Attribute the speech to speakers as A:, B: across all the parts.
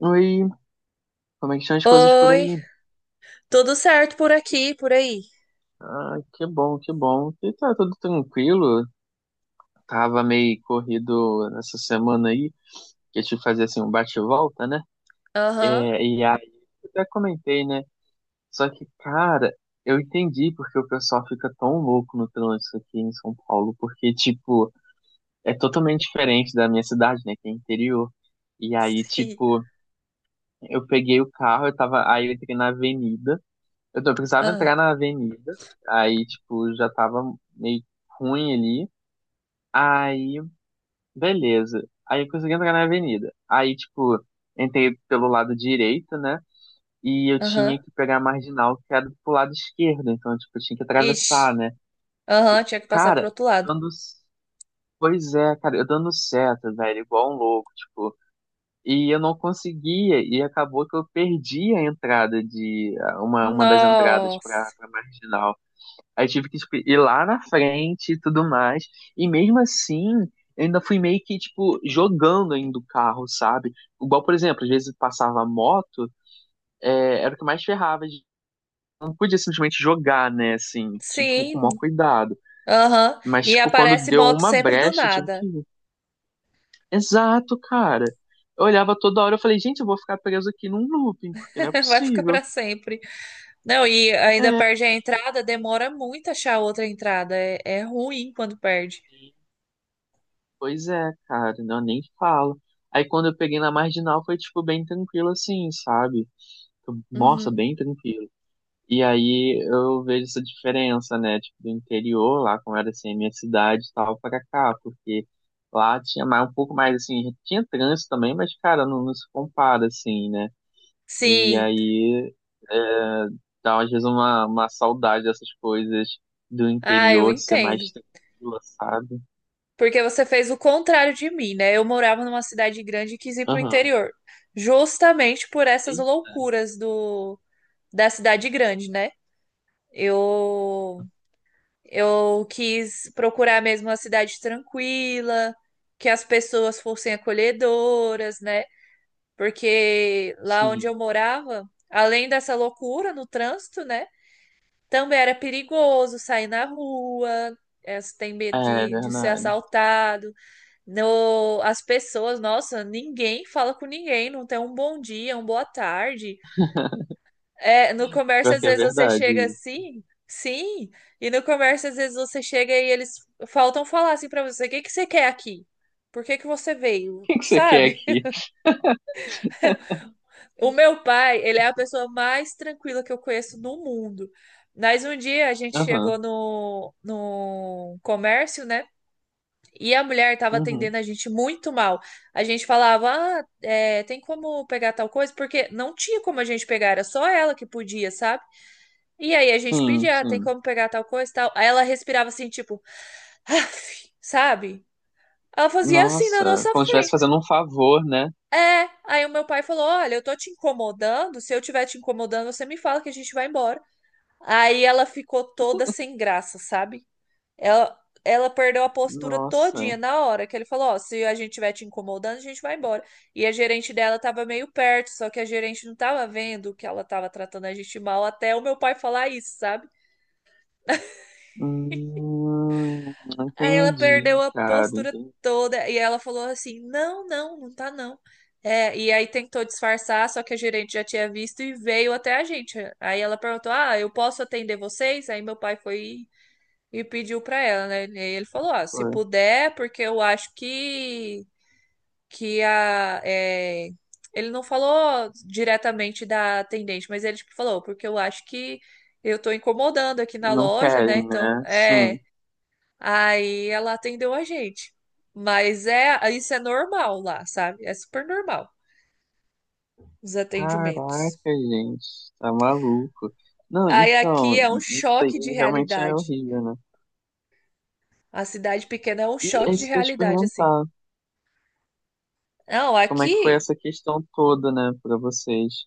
A: Oi, como é que estão as coisas por
B: Oi,
A: aí?
B: tudo certo por aqui, por aí?
A: Ah, que bom, que bom. E tá tudo tranquilo. Tava meio corrido nessa semana aí, que eu tive que fazer assim um bate-volta, né? É,
B: Aham,
A: e aí, eu até comentei, né? Só que, cara, eu entendi porque o pessoal fica tão louco no trânsito aqui em São Paulo, porque, tipo, é totalmente diferente da minha cidade, né? Que é interior. E aí,
B: sim.
A: tipo, eu peguei o carro, eu tava, aí eu entrei na avenida. Eu precisava entrar
B: Ah,
A: na avenida, aí, tipo, já tava meio ruim ali. Aí, beleza. Aí eu consegui entrar na avenida. Aí, tipo, entrei pelo lado direito, né? E eu
B: aham,
A: tinha que pegar a marginal que era pro lado esquerdo. Então, tipo, eu tinha que
B: ixi,
A: atravessar, né?
B: aham, tinha que passar pro
A: Cara,
B: outro
A: eu
B: lado.
A: dando. Pois é, cara, eu dando seta, velho, igual um louco, tipo. E eu não conseguia, e acabou que eu perdi a entrada de. Uma das entradas pra,
B: Nossa,
A: pra marginal. Aí tive que tipo, ir lá na frente e tudo mais. E mesmo assim, eu ainda fui meio que, tipo, jogando ainda o carro, sabe? Igual, por exemplo, às vezes passava moto, é, era o que mais ferrava. Não podia simplesmente jogar, né? Assim, tinha que ir com o
B: sim,
A: maior cuidado.
B: aham.
A: Mas,
B: E
A: tipo, quando
B: aparece
A: deu
B: moto
A: uma
B: sempre do
A: brecha, eu tive que.
B: nada.
A: Ir. Exato, cara. Eu olhava toda hora, eu falei, gente, eu vou ficar preso aqui num looping, porque não é
B: Vai ficar pra
A: possível.
B: sempre. Não, e ainda
A: É.
B: perde a entrada, demora muito achar outra entrada, é ruim quando perde.
A: Pois é, cara, não nem falo. Aí quando eu peguei na marginal foi tipo bem tranquilo assim, sabe? Nossa,
B: Uhum.
A: bem tranquilo. E aí eu vejo essa diferença, né? Tipo, do interior, lá como era assim, a minha cidade e tal, pra cá, porque lá tinha mais, um pouco mais assim, tinha trânsito também, mas cara, não se compara assim, né? E
B: Sim,
A: aí dá às vezes uma saudade dessas coisas do
B: ah, eu
A: interior de ser mais
B: entendo.
A: tranquila, sabe?
B: Porque você fez o contrário de mim, né? Eu morava numa cidade grande e quis ir pro
A: Aham.
B: interior, justamente por essas
A: Eita,
B: loucuras do da cidade grande, né? Eu eu quis procurar mesmo uma cidade tranquila, que as pessoas fossem acolhedoras, né? Porque lá onde
A: sim.
B: eu morava, além dessa loucura no trânsito, né? Também era perigoso sair na rua, você tem medo
A: É
B: de ser
A: verdade.
B: assaltado. No, as pessoas, nossa, ninguém fala com ninguém, não tem um bom dia, um boa tarde. É, no comércio,
A: Pior
B: às
A: que é
B: vezes você chega
A: verdade. O
B: assim, sim, e no comércio, às vezes você chega e eles faltam falar assim pra você: o que que você quer aqui? Por que que você veio?
A: que que você quer
B: Sabe?
A: aqui?
B: O meu pai, ele é a pessoa mais tranquila que eu conheço no mundo. Mas um dia a gente
A: Aham,
B: chegou no comércio, né? E a mulher estava
A: uhum.
B: atendendo a gente muito mal. A gente falava, ah, é, tem como pegar tal coisa? Porque não tinha como a gente pegar, era só ela que podia, sabe? E aí a gente
A: Sim,
B: pedia, ah, tem
A: sim.
B: como pegar tal coisa e tal. Aí ela respirava assim, tipo, "Aff", sabe? Ela fazia assim na
A: Nossa,
B: nossa
A: como se estivesse
B: frente.
A: fazendo um favor, né?
B: É, aí o meu pai falou: olha, eu tô te incomodando. Se eu tiver te incomodando, você me fala que a gente vai embora. Aí ela ficou toda sem graça, sabe? Ela, ela perdeu a postura
A: Nossa.
B: todinha na hora que ele falou, ó, se a gente estiver te incomodando, a gente vai embora. E a gerente dela tava meio perto, só que a gerente não tava vendo que ela tava tratando a gente mal até o meu pai falar isso, sabe? Aí ela perdeu
A: Entendi,
B: a
A: cara.
B: postura
A: Entendi.
B: toda e ela falou assim: "não, não, não tá não". É, e aí tentou disfarçar, só que a gerente já tinha visto e veio até a gente. Aí ela perguntou: "ah, eu posso atender vocês?" Aí meu pai foi e pediu pra ela, né? E ele falou, ó, se
A: Ué,
B: puder, porque eu acho que a é, ele não falou diretamente da atendente, mas ele tipo, falou, porque eu acho que eu tô incomodando aqui na
A: não
B: loja, né?
A: querem,
B: Então,
A: né? Sim.
B: é, aí ela atendeu a gente. Mas é, isso é normal lá, sabe? É super normal os atendimentos.
A: Caraca, gente, tá maluco. Não,
B: Aí
A: então,
B: aqui é um
A: isso
B: choque de
A: aí realmente é
B: realidade.
A: horrível, né?
B: A cidade pequena é um
A: E é
B: choque de
A: isso que eu ia te
B: realidade, assim.
A: perguntar.
B: Não,
A: Como é que foi
B: aqui.
A: essa questão toda, né, pra vocês?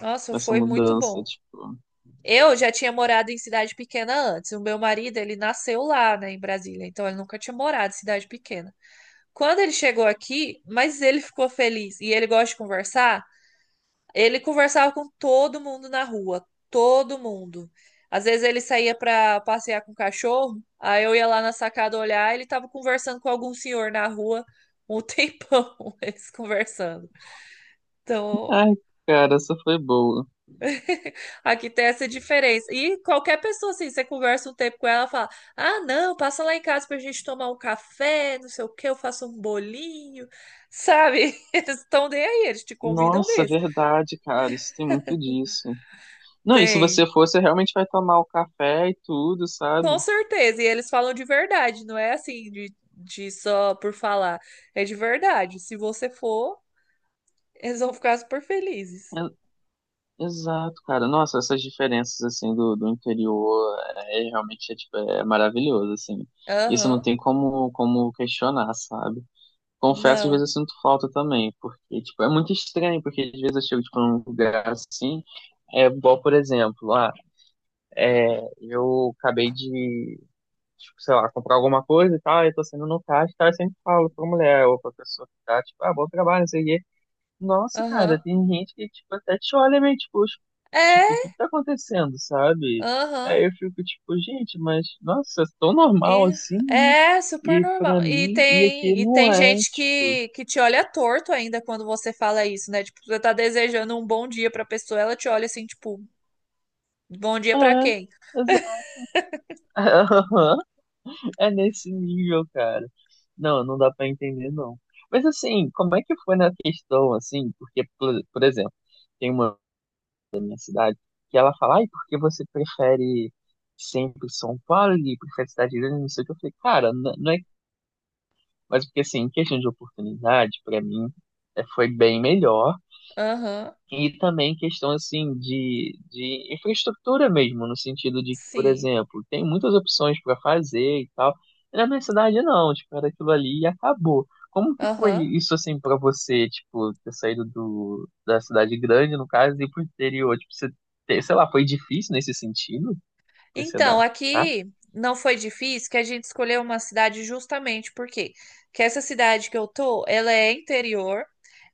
B: Nossa,
A: Essa
B: foi muito
A: mudança,
B: bom.
A: tipo.
B: Eu já tinha morado em cidade pequena antes. O meu marido, ele nasceu lá, né, em Brasília, então ele nunca tinha morado em cidade pequena. Quando ele chegou aqui, mas ele ficou feliz e ele gosta de conversar, ele conversava com todo mundo na rua, todo mundo. Às vezes ele saía para passear com o cachorro, aí eu ia lá na sacada olhar, ele tava conversando com algum senhor na rua um tempão, eles conversando. Então.
A: Ai, cara, essa foi boa.
B: Aqui tem essa diferença. E qualquer pessoa, assim, você conversa um tempo com ela, fala: ah, não, passa lá em casa pra gente tomar um café, não sei o quê, eu faço um bolinho, sabe? Eles estão nem aí, eles te convidam
A: Nossa,
B: mesmo.
A: verdade, cara, isso tem muito disso. Não, e se você
B: Tem,
A: for, você realmente vai tomar o café e tudo,
B: com
A: sabe?
B: certeza. E eles falam de verdade, não é assim de só por falar. É de verdade. Se você for, eles vão ficar super felizes.
A: É- Exato, cara. Nossa, essas diferenças, assim, do interior, é realmente, é, tipo, é maravilhoso, assim. Isso não
B: Aham,
A: tem como, como questionar, sabe? Confesso, às
B: não,
A: vezes eu sinto falta também, porque, tipo, é muito estranho, porque às vezes eu chego, tipo, num lugar assim, é igual, por exemplo, ah, é, eu acabei de tipo, sei lá, comprar alguma coisa e tal, eu tô saindo no caixa e tal, eu sempre falo pra mulher ou pra pessoa que tá, tipo, ah, bom trabalho, não sei o quê. Nossa, cara,
B: aham.
A: tem gente que, tipo, até te olha meio, tipo, "Oxe, tipo, o que
B: É,
A: que tá acontecendo, sabe?
B: aham.
A: Aí eu fico, tipo, gente, mas, nossa, é tão normal
B: E-
A: assim, né?
B: É super
A: E
B: normal.
A: pra
B: E
A: mim, e aqui
B: tem, e
A: não
B: tem
A: é,
B: gente
A: tipo,
B: que te olha torto ainda quando você fala isso, né? Tipo, você tá desejando um bom dia pra pessoa, ela te olha assim, tipo, bom dia pra
A: é,
B: quem?
A: exato. É nesse nível, cara. Não, não dá pra entender, não. Mas assim, como é que foi na questão, assim? Porque, por exemplo, tem uma cidade. Que ela fala, ai, por que você prefere sempre São Paulo e prefere cidade grande, não sei o que. Eu falei, cara, não é. Mas porque assim, em questão de oportunidade, pra mim, é, foi bem melhor.
B: Aham,
A: E também questão assim de infraestrutura mesmo, no sentido de que, por
B: sim.
A: exemplo, tem muitas opções para fazer e tal. E na minha cidade não, tipo, era aquilo ali e acabou. Como que foi
B: Aham.
A: isso assim para você, tipo, ter saído da cidade grande, no caso, e ir pro interior? Tipo, você ter, sei lá, foi difícil nesse sentido pra você
B: Então,
A: adaptar?
B: aqui não foi difícil que a gente escolheu uma cidade justamente porque que essa cidade que eu tô, ela é interior,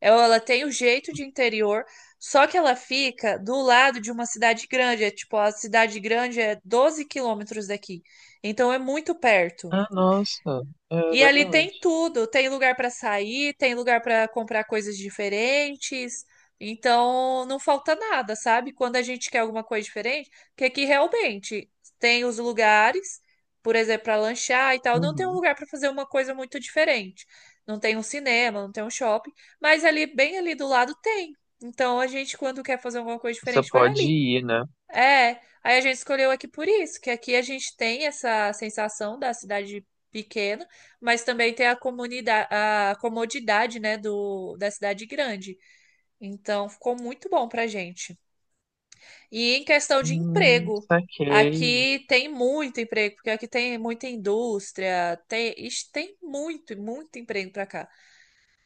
B: ela tem o jeito de interior, só que ela fica do lado de uma cidade grande, é tipo, a cidade grande é 12 quilômetros daqui. Então é muito perto.
A: Ah, nossa, é
B: E ali tem
A: verdade.
B: tudo, tem lugar para sair, tem lugar para comprar coisas diferentes. Então, não falta nada, sabe? Quando a gente quer alguma coisa diferente, que aqui realmente tem os lugares, por exemplo, para lanchar e tal, não tem um
A: Uhum.
B: lugar para fazer uma coisa muito diferente. Não tem um cinema, não tem um shopping, mas ali bem ali do lado tem. Então, a gente quando quer fazer alguma coisa
A: Você
B: diferente, vai
A: pode
B: ali.
A: ir, né?
B: É, aí a gente escolheu aqui por isso, que aqui a gente tem essa sensação da cidade pequena, mas também tem a comunidade, a comodidade, né, da cidade grande. Então, ficou muito bom pra gente. E em questão de emprego,
A: Saquei.
B: aqui tem muito emprego, porque aqui tem muita indústria, tem, ixi, tem muito, muito emprego pra cá.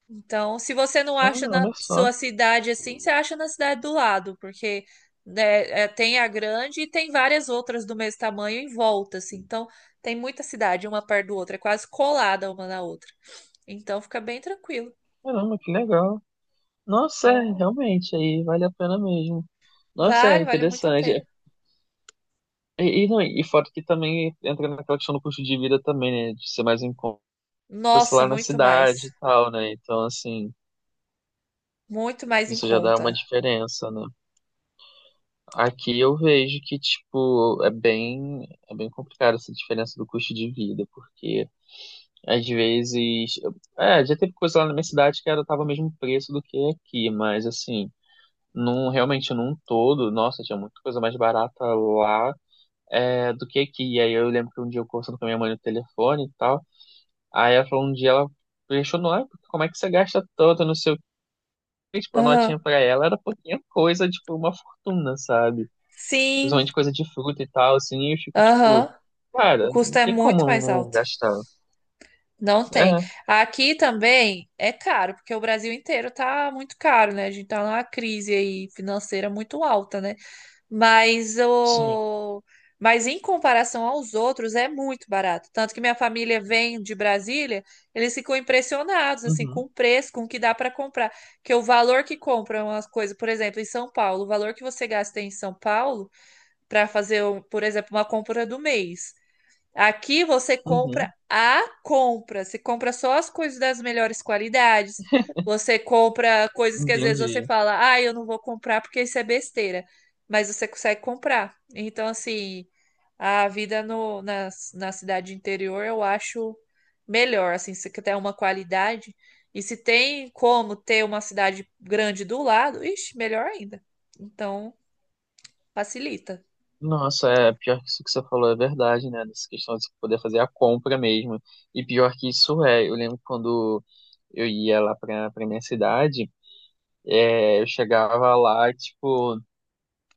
B: Então, se você não
A: Ah,
B: acha na
A: olha só.
B: sua cidade assim, você acha na cidade do lado, porque né, é, tem a grande e tem várias outras do mesmo tamanho em volta, assim. Então, tem muita cidade uma perto do outra, é quase colada uma na outra. Então, fica bem tranquilo.
A: Caramba, que legal. Nossa, é,
B: Então,
A: realmente, aí vale a pena mesmo. Nossa, é
B: vale muito a
A: interessante. É,
B: pena.
A: e, não, e fora que também entra naquela questão do custo de vida também, né? De ser mais em conta, sei
B: Nossa,
A: lá, na
B: muito
A: cidade
B: mais.
A: e tal, né? Então, assim,
B: Muito mais em
A: isso já dá uma
B: conta.
A: diferença, né? Aqui eu vejo que, tipo, é bem complicado essa diferença do custo de vida, porque às vezes. É, já teve coisa lá na minha cidade que era, tava o mesmo preço do que aqui, mas assim. Num, realmente num todo, nossa, tinha muita coisa mais barata lá é, do que. E aí eu lembro que um dia eu conversando com a minha mãe no telefone e tal. Aí ela falou um dia, ela questionou, ah, como é que você gasta tanto, não sei o quê. Tipo, a
B: Aham.
A: notinha pra ela era pouquinha coisa, tipo, uma fortuna, sabe?
B: Sim,
A: Principalmente coisa de fruta e tal, assim. E eu fico, tipo,
B: aham. O
A: cara, não
B: custo é
A: tem como
B: muito mais
A: não
B: alto.
A: gastar.
B: Não tem.
A: É,
B: Aqui também é caro, porque o Brasil inteiro tá muito caro, né? A gente tá numa crise aí financeira muito alta, né? Mas
A: sim.
B: o mas em comparação aos outros é muito barato. Tanto que minha família vem de Brasília, eles ficam impressionados assim com
A: Uhum,
B: o preço, com o que dá para comprar, que o valor que compra umas coisas, por exemplo, em São Paulo, o valor que você gasta em São Paulo para fazer, por exemplo, uma compra do mês. Aqui você compra
A: uhum.
B: a compra, você compra só as coisas das melhores qualidades. Você compra coisas que às vezes você
A: Entendi.
B: fala, ah, eu não vou comprar porque isso é besteira, mas você consegue comprar. Então, assim, a vida no, na, na cidade interior eu acho melhor, assim, se tem uma qualidade. E se tem como ter uma cidade grande do lado, ixi, melhor ainda. Então, facilita.
A: Nossa, é pior que isso que você falou, é verdade, né? Nessa questão de você poder fazer a compra mesmo. E pior que isso é, eu lembro quando eu ia lá pra minha cidade, é, eu chegava lá, tipo, eu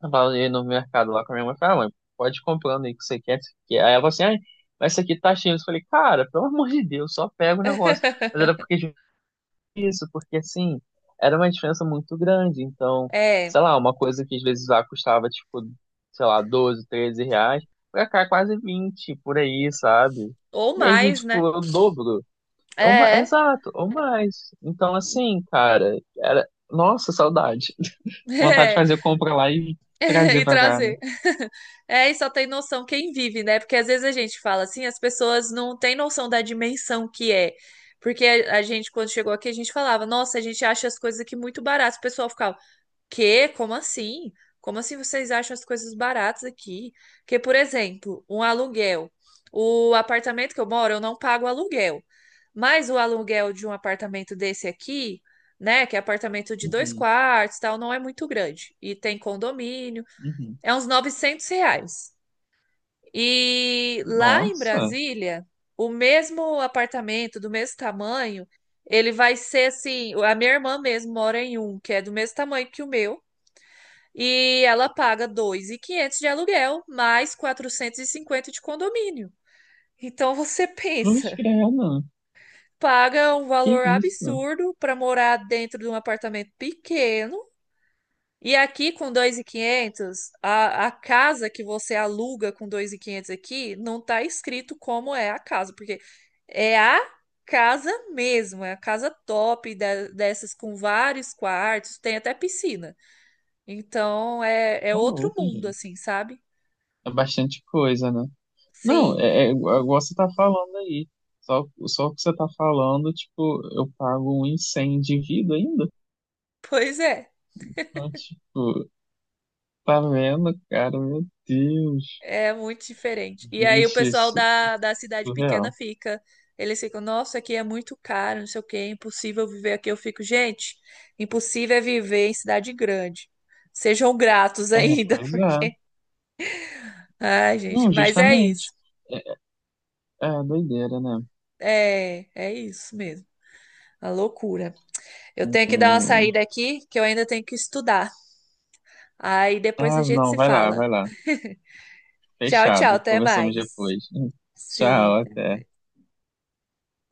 A: tava ali no mercado lá com a minha mãe, falava, ah, mãe, pode ir comprando aí o que você quer, o que você quer. Aí ela falou assim, ai, mas isso aqui tá cheio. Eu falei, cara, pelo amor de Deus, só pega o negócio. Mas era porque isso, porque assim, era uma diferença muito grande. Então,
B: É,
A: sei lá, uma coisa que às vezes lá custava, tipo, sei lá, 12, 13 reais, pra cá é quase 20 por aí, sabe?
B: ou
A: E aí,
B: mais,
A: tipo,
B: né?
A: é o dobro. É uma,
B: É.
A: exato, ou mais. Então, assim, cara, era, nossa, saudade. Vontade de
B: É,
A: fazer compra lá e trazer
B: e
A: pra cá, né?
B: trazer. É, e só tem noção quem vive, né? Porque às vezes a gente fala assim, as pessoas não têm noção da dimensão que é. Porque a gente, quando chegou aqui, a gente falava, nossa, a gente acha as coisas aqui muito baratas. O pessoal ficava, quê? Como assim? Como assim vocês acham as coisas baratas aqui? Porque, por exemplo, um aluguel. O apartamento que eu moro, eu não pago aluguel. Mas o aluguel de um apartamento desse aqui, né, que é apartamento de dois
A: Uhum,
B: quartos, tal, não é muito grande. E tem condomínio,
A: uhum.
B: é uns 900 reais. E lá em
A: Nossa,
B: Brasília, o mesmo apartamento, do mesmo tamanho, ele vai ser assim. A minha irmã mesmo mora em um, que é do mesmo tamanho que o meu. E ela paga 2.500 de aluguel, mais 450 de condomínio. Então você
A: cruz
B: pensa,
A: credo.
B: paga um
A: Que
B: valor
A: isso?
B: absurdo para morar dentro de um apartamento pequeno. E aqui com 2.500, a casa que você aluga com 2.500 aqui não tá escrito como é a casa, porque é a casa mesmo, é a casa top dessas com vários quartos, tem até piscina. Então é
A: Ô,
B: outro
A: louco,
B: mundo,
A: gente.
B: assim, sabe?
A: É bastante coisa, né? Não,
B: Sim,
A: é, é igual você tá falando aí. Só o que você tá falando, tipo, eu pago um incêndio de vida ainda.
B: pois é.
A: Então, tipo, tá vendo, cara? Meu Deus,
B: É muito diferente. E aí o
A: gente,
B: pessoal
A: isso
B: da
A: é
B: cidade pequena
A: surreal.
B: fica. Eles ficam, nossa, aqui é muito caro, não sei o quê, é impossível viver aqui. Eu fico, gente, impossível é viver em cidade grande. Sejam gratos
A: É,
B: ainda.
A: pois é.
B: Ai, gente,
A: Não,
B: mas é isso.
A: justamente. É, é doideira, né?
B: É isso mesmo. A loucura. Eu tenho que dar uma
A: Hum.
B: saída aqui, que eu ainda tenho que estudar. Aí depois a
A: Ah,
B: gente
A: não,
B: se
A: vai lá,
B: fala.
A: vai lá.
B: Tchau, tchau,
A: Fechado.
B: até
A: Conversamos
B: mais.
A: depois. Tchau,
B: Sim.
A: até.